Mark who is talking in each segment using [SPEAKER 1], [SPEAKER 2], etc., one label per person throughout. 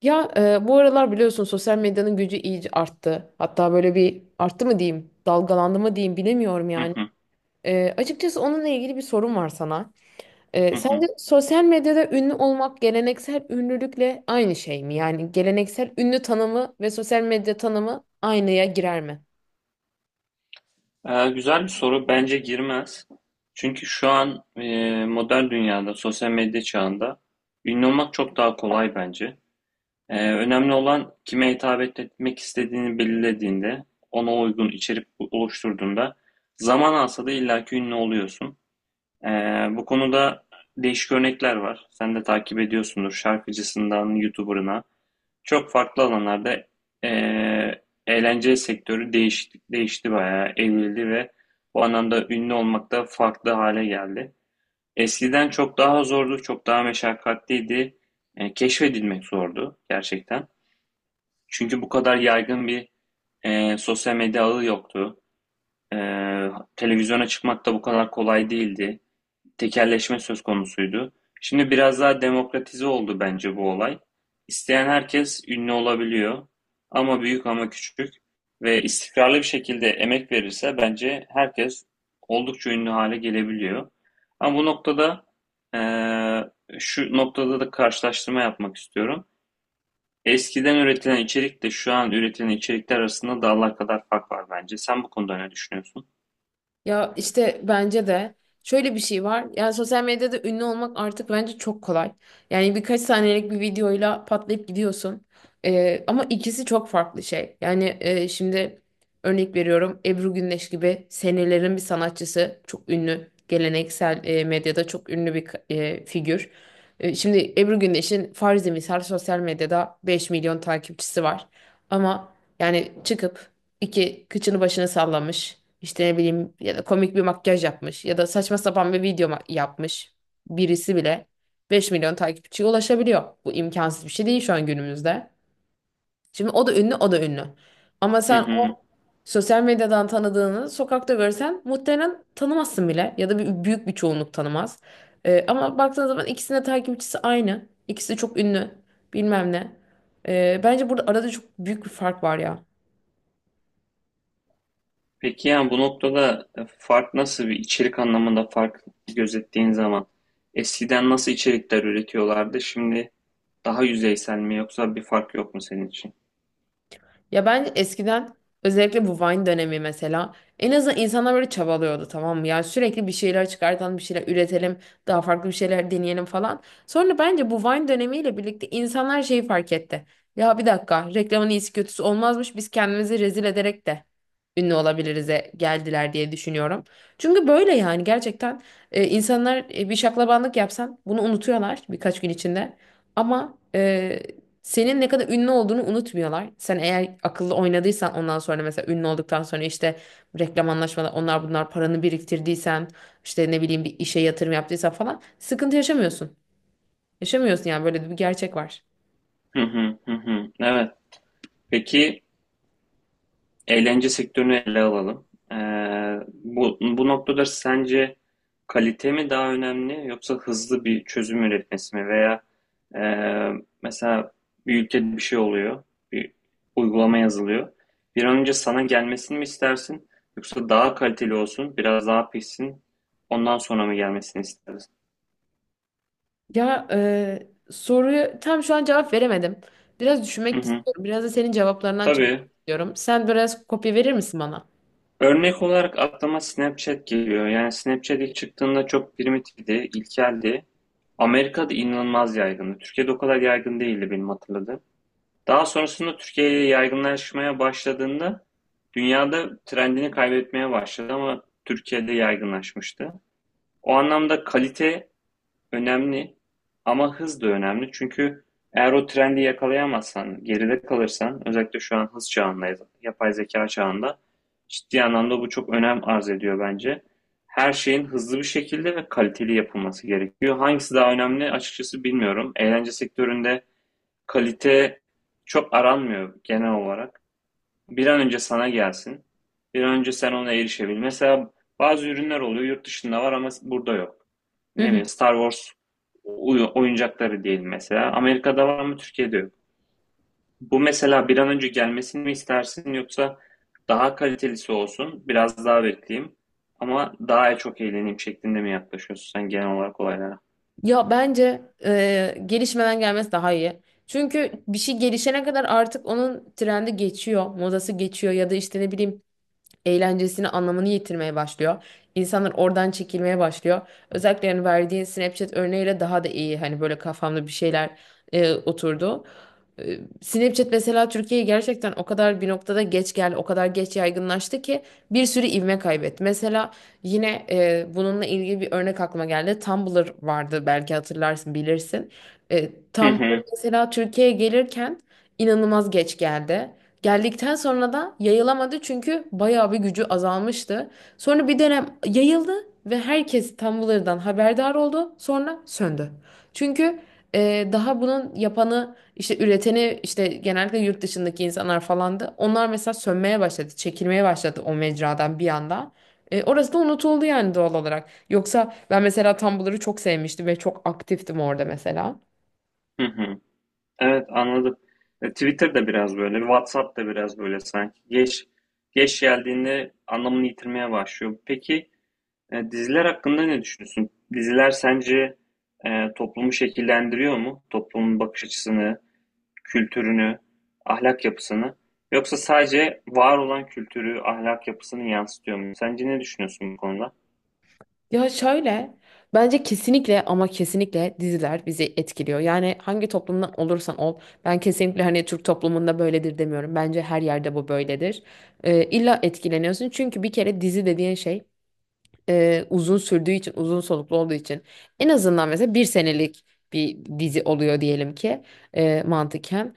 [SPEAKER 1] Bu aralar biliyorsun sosyal medyanın gücü iyice arttı. Hatta böyle bir arttı mı diyeyim, dalgalandı mı diyeyim bilemiyorum
[SPEAKER 2] Hı
[SPEAKER 1] yani.
[SPEAKER 2] hı,
[SPEAKER 1] Açıkçası onunla ilgili bir sorum var sana.
[SPEAKER 2] hı hı.
[SPEAKER 1] Sence sosyal medyada ünlü olmak geleneksel ünlülükle aynı şey mi? Yani geleneksel ünlü tanımı ve sosyal medya tanımı aynıya girer mi?
[SPEAKER 2] Güzel bir soru. Bence girmez. Çünkü şu an modern dünyada, sosyal medya çağında ünlü olmak çok daha kolay bence. Önemli olan kime hitap etmek istediğini belirlediğinde, ona uygun içerik oluşturduğunda zaman alsa da illaki ünlü oluyorsun. Ee, Bu konuda değişik örnekler var. Sen de takip ediyorsundur. Şarkıcısından YouTuber'ına. Çok farklı alanlarda eğlence sektörü değişti, değişti bayağı, evrildi ve bu anlamda ünlü olmak da farklı hale geldi. Eskiden çok daha zordu, çok daha meşakkatliydi. Keşfedilmek zordu gerçekten. Çünkü bu kadar yaygın bir sosyal medya ağı yoktu. E, Televizyona çıkmak da bu kadar kolay değildi, tekelleşme söz konusuydu. Şimdi biraz daha demokratize oldu bence bu olay. İsteyen herkes ünlü olabiliyor. Ama büyük ama küçük ve istikrarlı bir şekilde emek verirse bence herkes oldukça ünlü hale gelebiliyor. Ama bu noktada eee, şu noktada da karşılaştırma yapmak istiyorum. Eskiden üretilen içerikle şu an üretilen içerikler arasında dağlar kadar fark var bence. Sen bu konuda ne düşünüyorsun?
[SPEAKER 1] Ya işte bence de şöyle bir şey var. Yani sosyal medyada ünlü olmak artık bence çok kolay. Yani birkaç saniyelik bir videoyla patlayıp gidiyorsun. Ama ikisi çok farklı şey. Yani şimdi örnek veriyorum, Ebru Gündeş gibi senelerin bir sanatçısı çok ünlü. Geleneksel medyada çok ünlü bir figür. Şimdi Ebru Gündeş'in farzi misal sosyal medyada 5 milyon takipçisi var. Ama yani çıkıp iki kıçını başını sallamış. İşte ne bileyim, ya da komik bir makyaj yapmış ya da saçma sapan bir yapmış birisi bile 5 milyon takipçiye ulaşabiliyor. Bu imkansız bir şey değil şu an günümüzde. Şimdi o da ünlü, o da ünlü. Ama
[SPEAKER 2] Hı
[SPEAKER 1] sen
[SPEAKER 2] hı.
[SPEAKER 1] o sosyal medyadan tanıdığını sokakta görsen muhtemelen tanımazsın bile, ya da bir, büyük bir çoğunluk tanımaz. Ama baktığın zaman ikisinin de takipçisi aynı. İkisi de çok ünlü, bilmem ne. Bence burada arada çok büyük bir fark var ya.
[SPEAKER 2] Peki, yani bu noktada fark, nasıl bir içerik anlamında fark gözettiğin zaman eskiden nasıl içerikler üretiyorlardı, şimdi daha yüzeysel mi yoksa bir fark yok mu senin için?
[SPEAKER 1] Ya bence eskiden özellikle bu Vine dönemi mesela, en azından insanlar böyle çabalıyordu, tamam mı? Yani sürekli bir şeyler çıkartalım, bir şeyler üretelim, daha farklı bir şeyler deneyelim falan. Sonra bence bu Vine dönemiyle birlikte insanlar şeyi fark etti. Ya bir dakika, reklamın iyisi kötüsü olmazmış, biz kendimizi rezil ederek de ünlü olabilirize geldiler diye düşünüyorum. Çünkü böyle yani gerçekten insanlar, bir şaklabanlık yapsan bunu unutuyorlar birkaç gün içinde. Ama senin ne kadar ünlü olduğunu unutmuyorlar. Sen eğer akıllı oynadıysan, ondan sonra mesela ünlü olduktan sonra işte reklam anlaşmaları, onlar bunlar, paranı biriktirdiysen, işte ne bileyim bir işe yatırım yaptıysan falan, sıkıntı yaşamıyorsun. Yaşamıyorsun yani, böyle de bir gerçek var.
[SPEAKER 2] Hı hı hı hı. Evet. Peki, eğlence sektörünü ele alalım. Ee, bu noktada sence kalite mi daha önemli yoksa hızlı bir çözüm üretmesi mi? Veya e, mesela bir ülkede bir şey oluyor, bir uygulama yazılıyor. Bir an önce sana gelmesini mi istersin yoksa daha kaliteli olsun, biraz daha pişsin, ondan sonra mı gelmesini istersin?
[SPEAKER 1] Soruyu tam şu an cevap veremedim. Biraz
[SPEAKER 2] Hı
[SPEAKER 1] düşünmek
[SPEAKER 2] hı.
[SPEAKER 1] istiyorum. Biraz da senin cevaplarından çalışmak
[SPEAKER 2] Tabii.
[SPEAKER 1] istiyorum. Sen biraz kopya verir misin bana?
[SPEAKER 2] Örnek olarak aklıma Snapchat geliyor. Yani Snapchat ilk çıktığında çok primitifti, ilkeldi. Amerika'da inanılmaz yaygındı. Türkiye'de o kadar yaygın değildi benim hatırladığım. Daha sonrasında Türkiye'ye yaygınlaşmaya başladığında dünyada trendini kaybetmeye başladı ama Türkiye'de yaygınlaşmıştı. O anlamda kalite önemli, ama hız da önemli. Çünkü eğer o trendi yakalayamazsan, geride kalırsan, özellikle şu an hız çağındayız, yapay zeka çağında ciddi anlamda bu çok önem arz ediyor bence. Her şeyin hızlı bir şekilde ve kaliteli yapılması gerekiyor. Hangisi daha önemli açıkçası bilmiyorum. Eğlence sektöründe kalite çok aranmıyor genel olarak. Bir an önce sana gelsin. Bir an önce sen ona erişebil. Mesela bazı ürünler oluyor, yurt dışında var ama burada yok.
[SPEAKER 1] Hı
[SPEAKER 2] Ne
[SPEAKER 1] hı.
[SPEAKER 2] bileyim, Star Wars oyuncakları diyelim mesela. Amerika'da var, mı Türkiye'de yok. Bu mesela bir an önce gelmesini mi istersin yoksa daha kalitelisi olsun, biraz daha bekleyeyim ama daha çok eğleneyim şeklinde mi yaklaşıyorsun sen genel olarak olaylara?
[SPEAKER 1] Ya bence gelişmeden gelmesi daha iyi. Çünkü bir şey gelişene kadar artık onun trendi geçiyor, modası geçiyor, ya da işte ne bileyim eğlencesini, anlamını yitirmeye başlıyor. İnsanlar oradan çekilmeye başlıyor. Özellikle yani verdiğin Snapchat örneğiyle daha da iyi, hani böyle kafamda bir şeyler oturdu. E, Snapchat mesela Türkiye'ye gerçekten o kadar bir noktada geç geldi, o kadar geç yaygınlaştı ki bir sürü ivme kaybetti. Mesela yine bununla ilgili bir örnek aklıma geldi. Tumblr vardı, belki hatırlarsın, bilirsin. E,
[SPEAKER 2] Hı
[SPEAKER 1] Tumblr
[SPEAKER 2] hı,
[SPEAKER 1] mesela Türkiye'ye gelirken inanılmaz geç geldi. Geldikten sonra da yayılamadı çünkü bayağı bir gücü azalmıştı. Sonra bir dönem yayıldı ve herkes Tumblr'dan haberdar oldu. Sonra söndü. Çünkü daha bunun yapanı işte, üreteni işte, genellikle yurt dışındaki insanlar falandı. Onlar mesela sönmeye başladı, çekilmeye başladı o mecradan bir anda. E, orası da unutuldu yani doğal olarak. Yoksa ben mesela Tumblr'ı çok sevmiştim ve çok aktiftim orada mesela.
[SPEAKER 2] hı hı. Evet, anladım. Twitter da biraz böyle, WhatsApp da biraz böyle sanki. Geç geldiğinde anlamını yitirmeye başlıyor. Peki, diziler hakkında ne düşünüyorsun? Diziler sence toplumu şekillendiriyor mu? Toplumun bakış açısını, kültürünü, ahlak yapısını, yoksa sadece var olan kültürü, ahlak yapısını yansıtıyor mu? Sence ne düşünüyorsun bu konuda?
[SPEAKER 1] Ya şöyle, bence kesinlikle ama kesinlikle diziler bizi etkiliyor. Yani hangi toplumdan olursan ol, ben kesinlikle hani Türk toplumunda böyledir demiyorum. Bence her yerde bu böyledir. İlla etkileniyorsun çünkü bir kere dizi dediğin şey, uzun sürdüğü için, uzun soluklu olduğu için, en azından mesela 1 senelik bir dizi oluyor diyelim ki, mantıken.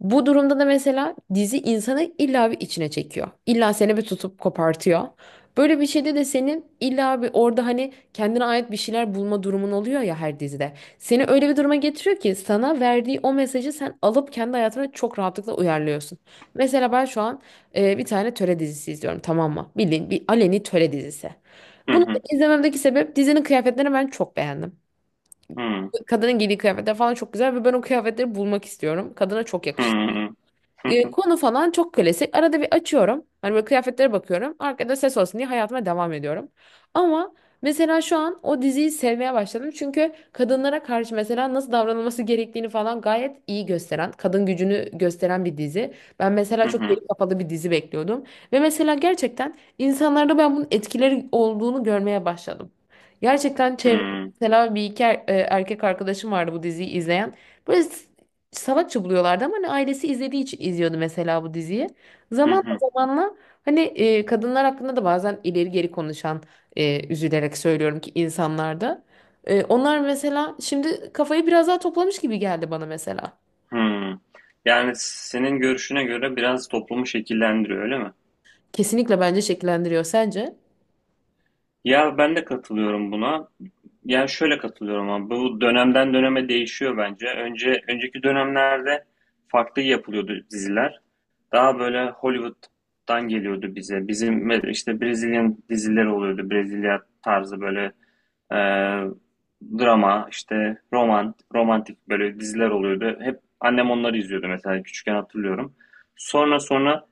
[SPEAKER 1] Bu durumda da mesela dizi insanı illa bir içine çekiyor. İlla seni bir tutup kopartıyor. Böyle bir şeyde de senin illa bir orada hani kendine ait bir şeyler bulma durumun oluyor ya her dizide. Seni öyle bir duruma getiriyor ki sana verdiği o mesajı sen alıp kendi hayatına çok rahatlıkla uyarlıyorsun. Mesela ben şu an bir tane töre dizisi izliyorum, tamam mı? Bildiğin bir aleni töre dizisi.
[SPEAKER 2] Hı
[SPEAKER 1] Bunu da
[SPEAKER 2] hı.
[SPEAKER 1] izlememdeki sebep, dizinin kıyafetlerini ben çok beğendim.
[SPEAKER 2] Hı hı.
[SPEAKER 1] Kadının giydiği kıyafetler falan çok güzel ve ben o kıyafetleri bulmak istiyorum. Kadına çok
[SPEAKER 2] Hı
[SPEAKER 1] yakıştı.
[SPEAKER 2] hı.
[SPEAKER 1] Konu falan çok klasik. Arada bir açıyorum. Hani böyle kıyafetlere bakıyorum. Arkada ses olsun diye hayatıma devam ediyorum. Ama mesela şu an o diziyi sevmeye başladım. Çünkü kadınlara karşı mesela nasıl davranılması gerektiğini falan gayet iyi gösteren, kadın gücünü gösteren bir dizi. Ben mesela
[SPEAKER 2] Hı
[SPEAKER 1] çok
[SPEAKER 2] hı.
[SPEAKER 1] geri kapalı bir dizi bekliyordum. Ve mesela gerçekten insanlarda ben bunun etkileri olduğunu görmeye başladım. Gerçekten
[SPEAKER 2] Hı
[SPEAKER 1] çevre,
[SPEAKER 2] hı.
[SPEAKER 1] mesela bir iki erkek arkadaşım vardı bu diziyi izleyen. Böyle salakça buluyorlardı ama hani ailesi izlediği için izliyordu mesela bu diziyi.
[SPEAKER 2] Hı
[SPEAKER 1] Zamanla hani kadınlar hakkında da bazen ileri geri konuşan, üzülerek söylüyorum ki, insanlarda. Onlar mesela şimdi kafayı biraz daha toplamış gibi geldi bana mesela.
[SPEAKER 2] hı. Yani senin görüşüne göre biraz toplumu şekillendiriyor, öyle mi?
[SPEAKER 1] Kesinlikle bence şekillendiriyor. Sence?
[SPEAKER 2] Ya ben de katılıyorum buna. Yani şöyle katılıyorum, ama bu dönemden döneme değişiyor bence. Önceki dönemlerde farklı yapılıyordu diziler. Daha böyle Hollywood'dan geliyordu bize. Bizim işte Brezilyan dizileri oluyordu. Brezilya tarzı böyle e, drama, işte roman, romantik böyle diziler oluyordu. Hep annem onları izliyordu mesela, küçükken hatırlıyorum. Sonra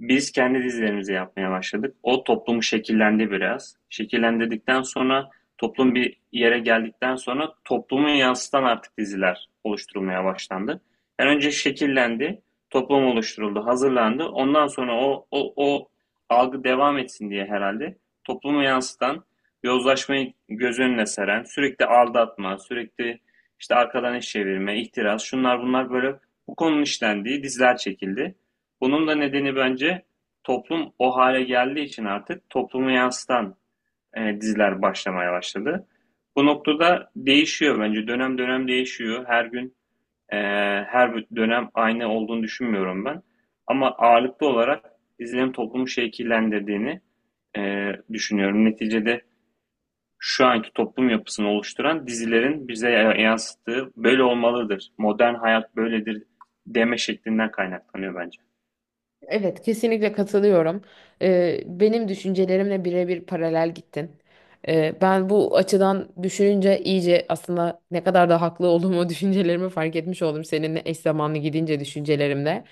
[SPEAKER 2] biz kendi dizilerimizi yapmaya başladık. O toplumu şekillendi biraz. Şekillendirdikten sonra, toplum bir yere geldikten sonra, toplumu yansıtan artık diziler oluşturulmaya başlandı. Yani önce şekillendi, toplum oluşturuldu, hazırlandı. Ondan sonra o algı devam etsin diye herhalde toplumu yansıtan, yozlaşmayı göz önüne seren, sürekli aldatma, sürekli işte arkadan iş çevirme, ihtiras, şunlar bunlar, böyle bu konunun işlendiği diziler çekildi. Bunun da nedeni bence toplum o hale geldiği için artık toplumu yansıtan diziler başlamaya başladı. Bu noktada değişiyor bence. Dönem dönem değişiyor. Ee, her dönem aynı olduğunu düşünmüyorum ben. Ama ağırlıklı olarak izlenim toplumu şekillendirdiğini düşünüyorum. Neticede şu anki toplum yapısını oluşturan dizilerin bize yansıttığı böyle olmalıdır, modern hayat böyledir deme şeklinden kaynaklanıyor bence.
[SPEAKER 1] Evet, kesinlikle katılıyorum. Benim düşüncelerimle birebir paralel gittin. Ben bu açıdan düşününce iyice aslında ne kadar da haklı olduğumu düşüncelerimi fark etmiş oldum seninle eş zamanlı gidince düşüncelerimde.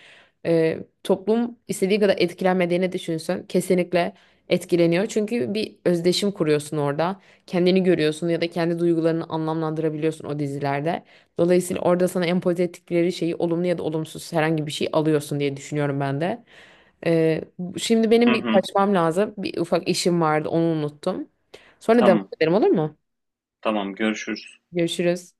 [SPEAKER 1] Ee, Toplum istediği kadar etkilenmediğini düşünsün, kesinlikle etkileniyor. Çünkü bir özdeşim kuruyorsun orada. Kendini görüyorsun ya da kendi duygularını anlamlandırabiliyorsun o dizilerde. Dolayısıyla orada sana empoze ettikleri şeyi, olumlu ya da olumsuz, herhangi bir şey alıyorsun diye düşünüyorum ben de. Ee, Şimdi benim
[SPEAKER 2] Hı
[SPEAKER 1] bir
[SPEAKER 2] hı,
[SPEAKER 1] kaçmam lazım. Bir ufak işim vardı, onu unuttum. Sonra devam
[SPEAKER 2] tamam,
[SPEAKER 1] ederim, olur mu?
[SPEAKER 2] tamam, görüşürüz.
[SPEAKER 1] Görüşürüz.